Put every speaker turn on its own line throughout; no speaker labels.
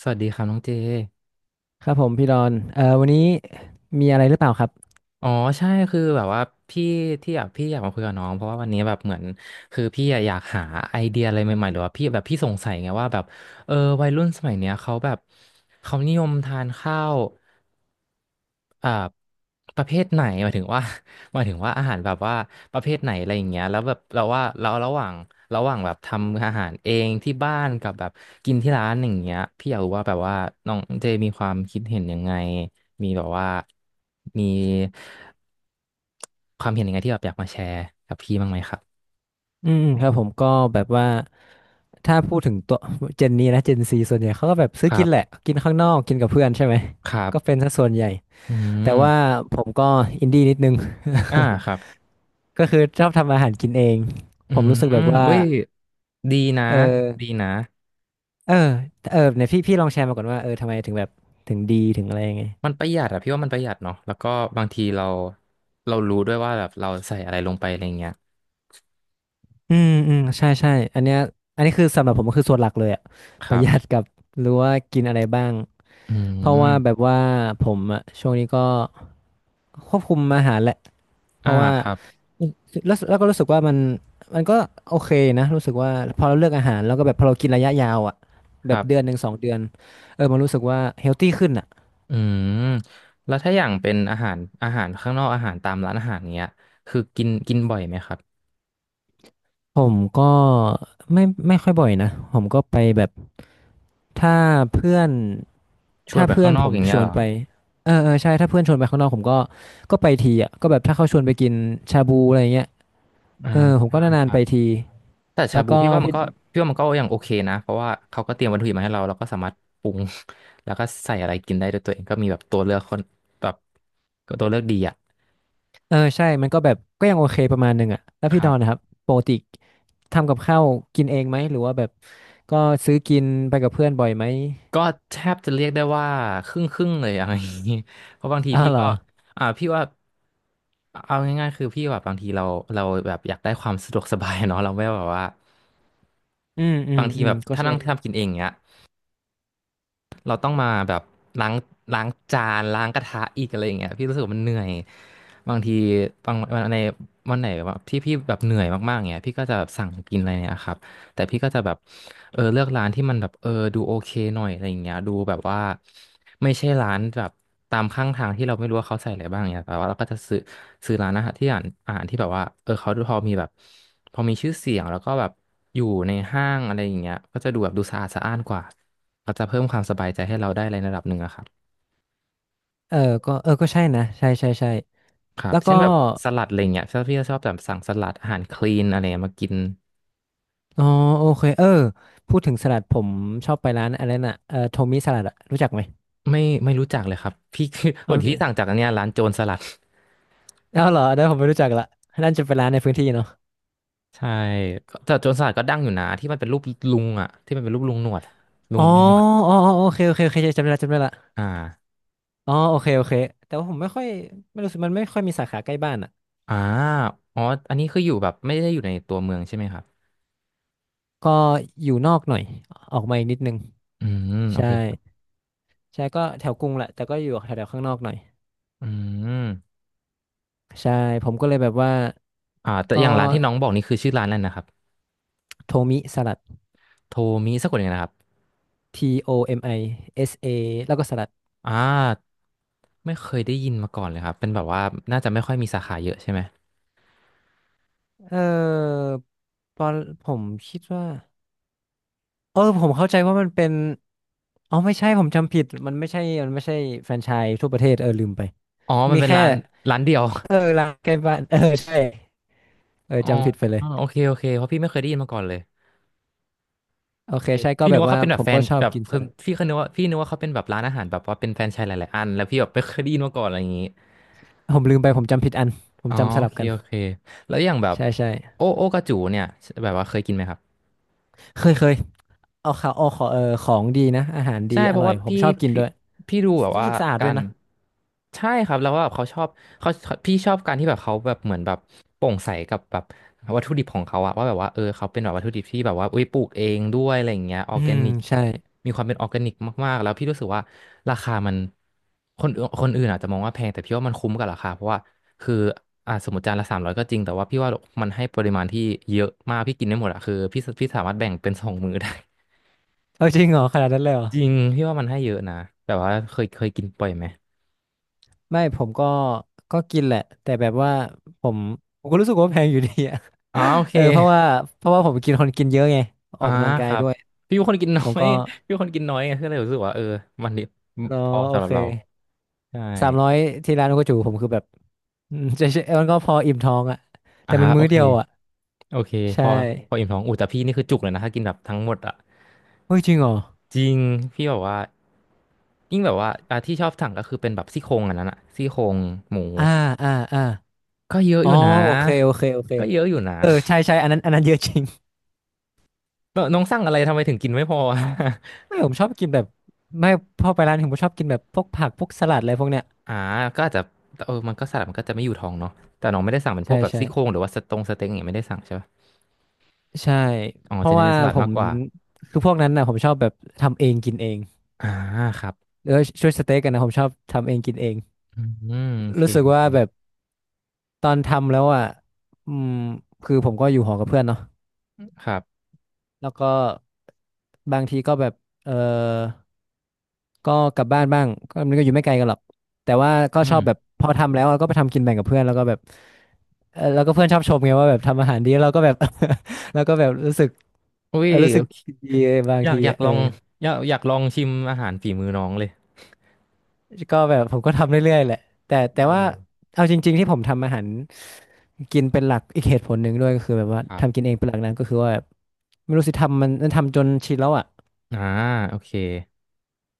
สวัสดีครับน้องเจ
ครับผมพี่ดอนวันนี้มีอะไรหรือเปล่าครับ
อ๋อใช่คือแบบว่าพี่ที่อยากพี่อยากมาคุยกับน้องเพราะว่าวันนี้แบบเหมือนคือพี่อะอยากหาไอเดียอะไรใหม่ๆหรือว่าพี่แบบพี่สงสัยไงว่าแบบเออวัยรุ่นสมัยเนี้ยเขาแบบเขานิยมทานข้าว อ่าประเภทไหนหมายถึงว่า หมายถึงว่าอาหารแบบว่าประเภทไหนอะไรอย่างเงี้ยแล้วแบบเราว่าเราระหว่างแบบทำอาหารเองที่บ้านกับแบบกินที่ร้านอย่างเงี้ยพี่อยากรู้ว่าแบบว่าน้องเจมีความคิดเห็นยังไงมีแบบว่ามีความเห็นยังไงที่แบบอยากมาแชร์กับพี่บ้างไหมครับ
อืมอืมครับผมก็แบบว่าถ้าพูดถึงตัวเจนนี้นะเจนซีส่วนใหญ่เขาก็แบบซื้
ค
อ
รั
กินแหละ
บ
กินข้างนอกกินกับเพื่อนใช่ไหม
ครั
ก็
บ
เป็นส่วนใหญ่
อื
แต่ว่า
ม
ผมก็อินดี้นิดนึง
อ่าครับ
ก็คือชอบทำอาหารกินเอง
อื
ผม
ม
รู้สึกแบบว่า
เว้ยดีนะ
เอ
ดี
อ
นะ
เออเออเนี่ยพี่ลองแชร์มาก่อนว่าเออทำไมถึงแบบถึงดีถึงอะไรยังไง
มันประหยัดอะพี่ว่ามันประหยัดเนาะแล้วก็บางทีเรารู้ด้วยว่าแบบเราใส่อะไรลงไปอะไรเงี้ย
อืมอืมใช่ใช่อันเนี้ยอันนี้คือสำหรับผมก็คือส่วนหลักเลยอะ
ค
ประ
รั
หยัด
บ
กับรู้ว่ากินอะไรบ้าง
อื
เพราะว่าแบบ
ม
ว่าผมอะช่วงนี้ก็ควบคุมอาหารแหละเพ
อ่า
ราะว่า
ครับ
แล้วก็รู้สึกว่ามันก็โอเคนะรู้สึกว่าพอเราเลือกอาหารแล้วก็แบบพอเรากินระยะยาวอะ
ค
แบ
รั
บ
บ
เดือนหนึ่ง2 เดือนเออมันรู้สึกว่าเฮลตี้ขึ้นอะ
อืมแล้วถ้าอย่างเป็นอาหารข้างนอกอาหารตามร้านอาหารเงี้ยคือกินกินบ่อยไหมครับ
ผมก็ไม่ค่อยบ่อยนะผมก็ไปแบบถ้าเพื่อน
ชวน
ถ้า
ไป
เพื่
ข้า
อ
ง
น
นอ
ผ
ก
ม
อย่าง
ช
เงี้ย
ว
เห
น
รอ
ไปเออเออใช่ถ้าเพื่อนชวนไปข้างนอกผมก็ก็ไปทีอ่ะก็แบบถ้าเขาชวนไปกินชาบูอะไรเงี้ย
อ่า
เออผมก็
อ่า
นา
ค
นๆ
รั
ไป
บ
ที
แต่ชา
แล้ว
บู
ก็พี่
พี่ว่ามันก็ยังโอเคนะเพราะว่าเขาก็เตรียมวัตถุดิบมาให้เราเราก็สามารถปรุง แล้วก็ใส่อะไรกินได้ด้วยตัวเองก็มีแบบตัวเลือกคนแบบตัวเลือกดีอะ
เออใช่มันก็แบบก็ยังโอเคประมาณหนึ่งอ่ะแล้ว
ค
พี่ด
รั
อนนะครับ
บ
ปกติทำกับข้าวกินเองไหมหรือว่าแบบก็ซื้อกินไปกับเพื่อนบ่อยไหม
ก็แทบจะเรียกได้ว่าครึ่งครึ่งเลยอะ ไรอย่างนี้ เพราะบางที
อ้าว
พี่
เหร
ก็
อ
อ่าพี่ว่าเอาง่ายๆคือพี่แบบบางทีเราแบบอยากได้ความสะดวกสบายเนาะเราไม่แบบว่า
อืมอืม
บางที
อื
แบ
ม
บ
ก็
ถ้า
ใช่
นั่งทำกินเองเงี้ยเราต้องมาแบบล้างล้างจานล้างกระทะอีกอะไรอย่างเงี้ยพี่รู้สึกว่ามันเหนื่อย บางทีบางวันในวันไหนแบบที่พี่แบบเหนื่อยมากๆเงี้ยพี่ก็จะแบบสั่งกินอะไรเนี่ยครับ แต่พี่ก็จะแบบเลือกร้านที่มันแบบดูโอเคหน่อยอะไรอย่างเงี้ยดูแบบว่าไม่ใช่ร้านแบบตามข้างทางที่เราไม่รู้ว่าเขาใส่อะไรบ้างเนี่ยแต่ว่าเราก็จะซื้อร้านอาหารที่อ่านอาหารที่แบบว่าเขาพอมีชื่อเสียงแล้วก็แบบอยู่ในห้างอะไรอย่างเงี้ยก็จะดูแบบดูสะอาดสะอ้านกว่าก็จะเพิ่มความสบายใจให้เราได้ในระดับหนึ่งอะครับ
เออเออก็ใช่นะใช่ใช่ใช่
ครั
แล้
บ
ว
เช่
ก็
นแบบสลัดอะไรเงี้ยถ้าพี่ก็ชอบแบบสั่งสลัดอาหารคลีนอะไรเงี้ยมากิน
อ๋อโอเคเออพูดถึงสลัดผมชอบไปร้านอะไรน่ะเออโทมิสลัดอะรู้จักไหม
ไม่รู้จักเลยครับพี่
เอ
วัน ที่สั่ง
อ
จากอันเนี้ยร้านโจรสลัด
เอาเหรอเดี๋ยวผมไม่รู้จักละนั่นจะเป็นร้านในพื้นที่เนาะ
ใช่ก็แต่โจรสลัดก็ดังอยู่นะที่มันเป็นรูปลุงอ่ะที่มันเป็นรูปลุงหนวดลุ
อ๋
ง
อ
มีหนวด
อ๋ออ๋อโอเคโอเคโอเคจำได้ละจำได้ละ
อ่า
อ๋อโอเคโอเคแต่ว่าผมไม่ค่อยไม่รู้สึกมันไม่ค่อยมีสาขาใกล้บ้านอะ
อ่าอ๋ออันนี้คืออยู่แบบไม่ได้อยู่ในตัวเมืองใช่ไหมครับ
ก็อยู่นอกหน่อยออกมาอีกนิดนึง
อืมโอ
ใช่
เคครับ
ใช่ก็แถวกรุงแหละแต่ก็อยู่แถวๆข้างนอกหน่อย
อืม
ใช่ผมก็เลยแบบว่า
อ่าแต่อ
ก็
ย่างร้านที่น้องบอกนี่คือชื่อร้านอะไรนะครับ
โทมิสลัด
โทมิสักคนหนึ่งนะครับ
TOMISA แล้วก็สลัด
อ่าไม่เคยได้ยินมาก่อนเลยครับ เป็นแบบว่าน่าจะไม่ค่อยมีสาขาเยอะใช่ไหม
เออตอนผมคิดว่าเออผมเข้าใจว่ามันเป็นอ๋อไม่ใช่ผมจำผิดมันไม่ใช่แฟรนไชส์ทั่วประเทศเออลืมไป
อ๋อมัน
มี
เป็น
แค่
ร้านเดียว
เออร้านใกล้บ้านเออใช่เออ
อ๋อ
จำผิดไปเล
อ๋
ย
อโอเคโอเคเพราะพี่ไม่เคยได้ยินมาก่อนเลย
โอเค
เอ้ย
ใช่ก็
พี่นึ
แบ
ก
บ
ว่า
ว่า
เขาเป็นแบ
ผ
บ
ม
แฟ
ก็
น
ชอบ
แบบ
กินส
คือ
ลัด
พี่เคยนึกว่าพี่นึกว่าเขาเป็นแบบร้านอาหารแบบว่าเป็นแฟรนไชส์หลายๆอันแล้วพี่แบบไม่เคยได้ยินมาก่อนอะไรอย่างนี้
ผมลืมไปผมจำผิดอันผม
อ๋อ
จำส
โอ
ลับ
เค
กัน
โอเคแล้วอย่างแบบ
ใช่ใช่
โอโอกาจูเนี่ยแบบว่าเคยกินไหมครับ
เคยเคยเอาข่าวเอาขอเออของดีนะอาหารดี
ใช่
อ
เพราะ
ร่อย
ว่า
ผม
พี่
ชอบกิน
พี่
ด้วย
พี่ดูแบบ
รู้
ว่า
สึกสะอาด
กา
ด้วย
ร
นะ
ใช่ครับแล้วว่าแบบเขาชอบเขาพี่ชอบการที่แบบเขาแบบเหมือนแบบโปร่งใสกับแบบวัตถุดิบของเขาอะว่าแบบว่าเขาเป็นแบบวัตถุดิบที่แบบว่าอุ้ยปลูกเองด้วยอะไรอย่างเงี้ยออ
อื
ร์แก
ม
นิก
ใช่
มีความเป็นออร์แกนิกมากๆแล้วพี่รู้สึกว่าราคามันคนอื่นอาจจะมองว่าแพงแต่พี่ว่ามันคุ้มกับราคาเพราะว่าคืออ่าสมมติจานละ300ก็จริงแต่ว่าพี่ว่ามันให้ปริมาณที่เยอะมากพี่กินได้หมดอะคือพี่สามารถแบ่งเป็น2 มื้อได้
เอาจริงเหรอขนาดนั้นเลยเหรอ
จริงพี่ว่ามันให้เยอะนะแบบว่าเคยกินปล่อยไหม
ไม่ผมก็กินแหละแต่แบบว่าผมผมก็รู้สึกว่าแพงอยู่ดีอะ
อ๋อโอ เค
เออเพราะว่าเพราะว่าผมกินคนกินเยอะไงอ
อ่า
อกกำลัง
อ
กา
ค
ย
รับ
ด้วย
พี่เป็นคนกินน้
ผ
อ
ม
ย
ก็
พี่เป็นคนกินน้อยไงก็เลยรู้สึกว่าเออมันนี่
อ๋อ
พอ
โอ
สำหรับ
เค
เราใช่
300ที่ร้านโอกจูผมคือแบบอืมใช่ใช่มันก็พออิ่มท้องอะแต่
อ่า
มัน
อโอ
มื้อ
เค
เดียวอะ
โอเคพ
ใช่
อพออิ่มท้องอูแต่พี่นี่คือจุกเลยนะถ้ากินแบบทั้งหมดอ่ะ
เฮ้ยจริงเหรอ
จริงพี่แบบว่ายิ่งแบบว่าที่ชอบสั่งก็คือเป็นแบบซี่โครงอันนั้นอะซี่โครงหมู
อ่าอ่าอ่า
ก็เยอะอ
อ๋อ
ยู่นะ
โอเคโอเคโอเค
ก็เยอะอยู่นะ
เออใช่ใช่อันนั้นอันนั้นเยอะจริง
น้องน้องสั่งอะไรทำไมถึงกินไม่พออะ
ไม่ผมชอบกินแบบไม่พอไปร้านผมชอบกินแบบพวกผักพวกสลัดอะไรพวกเนี้ย
อ่าก็อาจจะเออมันก็สลัดมันก็จะไม่อยู่ท้องเนาะแต่น้องไม่ได้สั่งเป็นพ
ใช่
วกแบบ
ใช่
ซี่โครงหรือว่าสตงสเต็งอย่างเงี้ยไม่ได้สั่งใช่ปะ
ใช่
อ๋อ
เพ
จะ
ราะ
เน้น
ว่า
เป็นสลัด
ผ
มา
ม
กกว่า
คือพวกนั้นน่ะผมชอบแบบทำเองกินเอง
อ่าครับ
แล้วช่วยสเต็กกันนะผมชอบทำเองกินเอง
อืมโอเค
รู้สึก
โอเค
ว่าแบบตอนทำแล้วอ่ะอืมคือผมก็อยู่หอ กับเพื่อนเนาะ
ครับ
แล้วก็บางทีก็แบบเออ ก็กลับบ้านบ้างก็มันก็อยู่ไม่ไกลกันหรอกแต่ว่าก็
อื
ชอ
ม
บแบบพอทำแล้วอะก็ไปทำกินแบ่งกับเพื่อนแล้วก็แบบเออแล้วก็เพื่อนชอบชมไงว่าแบบทำอาหารดีแล้วเราก็แบบ แล้วก็แบบรู้สึก
อุ้
เอ
ย
อรู้สึ
โอ
ก
เค
ดีบาง
อยาก
ที
อยาก
อะเอ
ล
อ
องอยากลองชิมอาหารฝีมือน้องเลย
ก็แบบผมก็ทำเรื่อยๆแหละแต่
เออ
แต่ว่าเอาจริงๆที่ผมทำอาหารกินเป็นหลักอีกเหตุผลหนึ่งด้วยก็คือแบบว่า
ครั
ทำ
บ
กินเองเป็นหลักนั้นก็คือว่าแบบไม่รู้สิทำมันทำจนชินแล้วอ่ะ
อ่าโอเค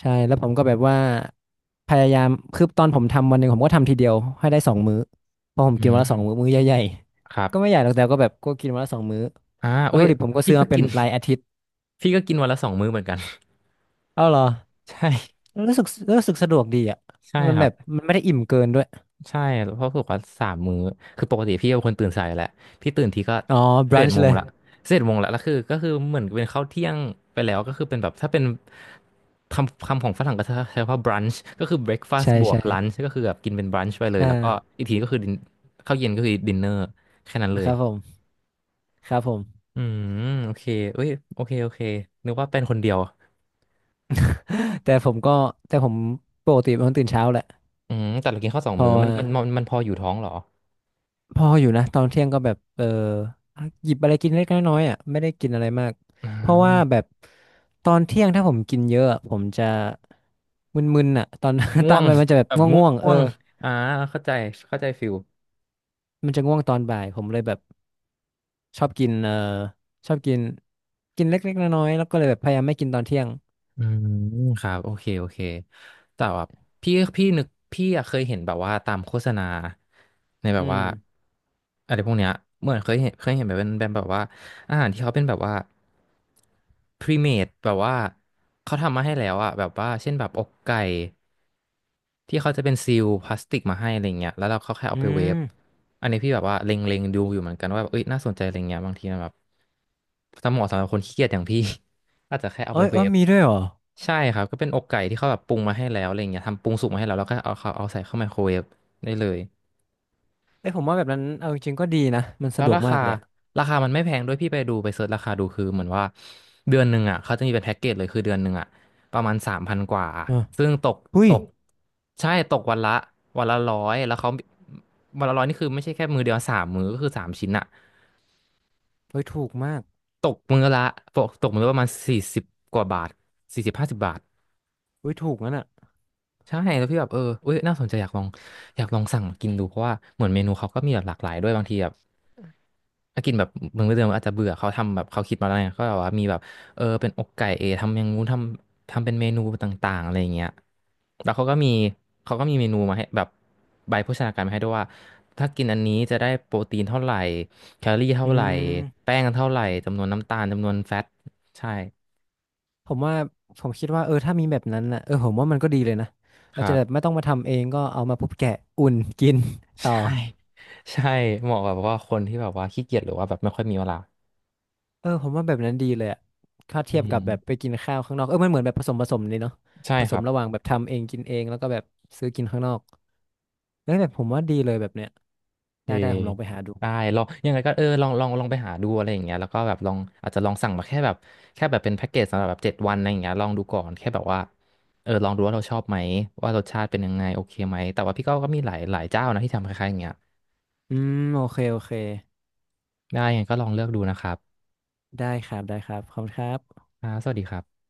ใช่แล้วผมก็แบบว่าพยายามคือตอนผมทำวันหนึ่งผมก็ทำทีเดียวให้ได้สองมื้อเพราะผม
อื
กินวั
ม
นละสองมื้อมื้อใหญ่ๆ
ครั
ก็ไม่
บ
ใหญ่หรอกแต่ก็แบบก็กินวันละสองมื้อ
อ่า
วัต
อุ้
ถุ
ย
ดิบผมก็
พี่
ซื้อ
ก็
มาเป็น
กิน
แบบรายอาทิตย์
พี่ก็กินวันละ2 มื้อเหมือนกัน
เอ้าเหรอ
ใช่
รู้สึกรู้สึกสะดวกดีอ่ะ
ใช่
มัน
ครั
แบบ
บ
มันไม่ได้อิ่มเกินด้วย
ใช่เพราะฝึกว่า3 มื้อคือปกติพี่เป็นคนตื่นสายอยู่แหละพี่ตื่นทีก็
อ๋อบ
สิบ
รัน
เอ็ด
ช์
โม
เล
ง
ย
ละสิบเอ็ดโมงละแล้วคือก็คือเหมือนเป็นข้าวเที่ยงไปแล้วก็คือเป็นแบบถ้าเป็นคำคำของฝรั่งก็จะใช้ว่า brunch ก็คือ breakfast
ใช่
บวก
ใช่
lunch ก็คือแบบกินเป็น brunch ไปเลย
อ่า
แล้วก็อีกทีก็คือ ข้าวเย็นก็คือ dinner แค่นั้นเล
นะค
ย
รับผมครับผม
อืมโอเคเอ้ยโอเคโอเคนึกว่าเป็นคนเดียว
แต่ผมก็แต่ผมปกติเป็นคนตื่นเช้าแหละ
อืมแต่เรากินข้าวสอง
เพ
มื้
ราะ
อมั
ว่า
นมันมันมันพออยู่ท้องเหรอ
พออยู่นะตอนเที่ยงก็แบบเออหยิบอะไรกินเล็กน้อยๆอ่ะไม่ได้กินอะไรมาก
อ่
เพราะว่า
า
แบบตอนเที่ยงถ้าผมกินเยอะอะผมจะมึนๆอ่ะตอน ต
ง่
อ
ว
น
ง
มันจะแบบ
แบบง่วง
ง่วงๆเอ
ง่ว
อ
งอ่าเข้าใจเข้าใจฟิล
มันจะง่วงตอนบ่ายผมเลยแบบชอบกินเออชอบกินกินเล็กๆน้อยๆแล้วก็เลยแบบพยายามไม่กินตอนเที่ยง
อืมครับโอเคโอเคแต่แบบพี่นึกพี่อะเคยเห็นแบบว่าตามโฆษณาในแบ
อื
บ
ม
ว่าอะไรพวกเนี้ยเหมือนเคยเห็นแบบเป็นแบบว่าอาหารที่เขาเป็นแบบว่าพรีเมดแบบว่าเขาทำมาให้แล้วอะแบบว่าเช่นแบบอกไก่ที่เขาจะเป็นซีลพลาสติกมาให้อะไรเงี้ยแล้วเราเขาแค่
อื
เอาไปเวฟ
ม
อันนี้พี่แบบว่าเล็งๆดูอยู่เหมือนกันว่าแบบเอ้ยน่าสนใจอะไรเงี้ยบางทีมันแบบสำหรับเหมาะสำหรับคนขี้เกียจอย่างพี่ อาจจะแค่เอา
เอ้
ไป
ย
เว
เอ้ย
ฟ
มีด้วยเหรอ
ใช่ครับก็เป็นอกไก่ที่เขาแบบปรุงมาให้แล้วอะไรเงี้ยทำปรุงสุกมาให้แล้วแล้วก็เอาเขาเอาใส่เข้าไมโครเวฟได้เลย
เอ้ยผมว่าแบบนั้นเอาจริงๆก็ดีนะมัน
แล้
สะ
ว
ดวก
รา
มา
คา
กเลยอะ
ราคามันไม่แพงด้วยพี่ไปดูไปเสิร์ชราคาดูคือเหมือนว่าเดือนหนึ่งอ่ะเขาจะมีเป็นแพ็กเกจเลยคือเดือนหนึ่งอ่ะประมาณ3,000กว่า
อ่ะ
ซึ่งตก
อุ้
ต
ย
กใช่ตกวันละร้อยแล้วเขาวันละร้อยนี่คือไม่ใช่แค่มือเดียว3 มือก็คือ3 ชิ้นอ่ะ
เฮ้ยถูกมาก
ตกมือละตกมือละประมาณสี่สิบกว่าบาท40-50 บาท
อุ้ยถูกงั้นอ่ะ
ใช่แล้วพี่แบบเออเอ้ยน่าสนใจอยากลองอยากลองสั่งมากินดูเพราะว่าเหมือนเมนูเขาก็มีแบบหลากหลายด้วยบางทีแบบถ้ากินแบบเมื้อเดิมๆอาจจะเบื่อเขาทำแบบเขาคิดมาแล้วไงก็แบบว่ามีแบบเออเป็นอกไก่เอทำอย่างงู้นทำเป็นเมนูต่างๆอะไรอย่างเงี้ยแล้วเขาก็มีเมนูมาให้แบบใบโภชนาการมาให้ด้วยว่าถ้ากินอันนี้จะได้โปรตีนเท่าไหร่แคลอรี่เท่า
อื
ไหร่
ม
แป้งเท่าไหร่จำนวนน้ำตาลจำนวนแฟตใช่
ผมว่าผมคิดว่าเออถ้ามีแบบนั้นนะเออผมว่ามันก็ดีเลยนะ
ค
เรา
รั
จะแบบ
บ
ไม่ต้องมาทำเองก็เอามาปุ๊บแกะอุ่นกิน ต่อ
ใช่ใช่เหมาะกับว่าคนที่แบบว่าขี้เกียจหรือว่าแบบไม่ค่อยมีเวลา
เออผมว่าแบบนั้นดีเลยอะถ้า
อื
เทียบกับแบบ
ม
ไปกินข้าวข้างนอกเออมันเหมือนแบบผสมผสมเลยเนาะ
ใช่
ผ
ค
ส
รั
ม
บ
ระหว่างแบบทำเองกินเองแล้วก็แบบซื้อกินข้างนอกเออแบบผมว่าดีเลยแบบเนี้ย
เอ
ได้
อ
ได้ผมลองไปหาดู
ได้ลองยังไงก็เออลองไปหาดูอะไรอย่างเงี้ยแล้วก็แบบลองอาจจะลองสั่งมาแค่แบบแค่แบบเป็นแพ็กเกจสำหรับแบบ7 วันอะไรอย่างเงี้ยลองดูก่อนแค่แบบว่าเออลองดูว่าเราชอบไหมว่ารสชาติเป็นยังไงโอเคไหมแต่ว่าพี่ก็ก็มีหลายหลายเจ้านะที่ทำคล้ายๆอย่างเงี้ย
อืมโอเคโอเค
ได้ยังไงก็ลองเลือกดูนะครับ
ได้ครับได้ครับขอบคุณครับ
อ่าสวัสดีครับ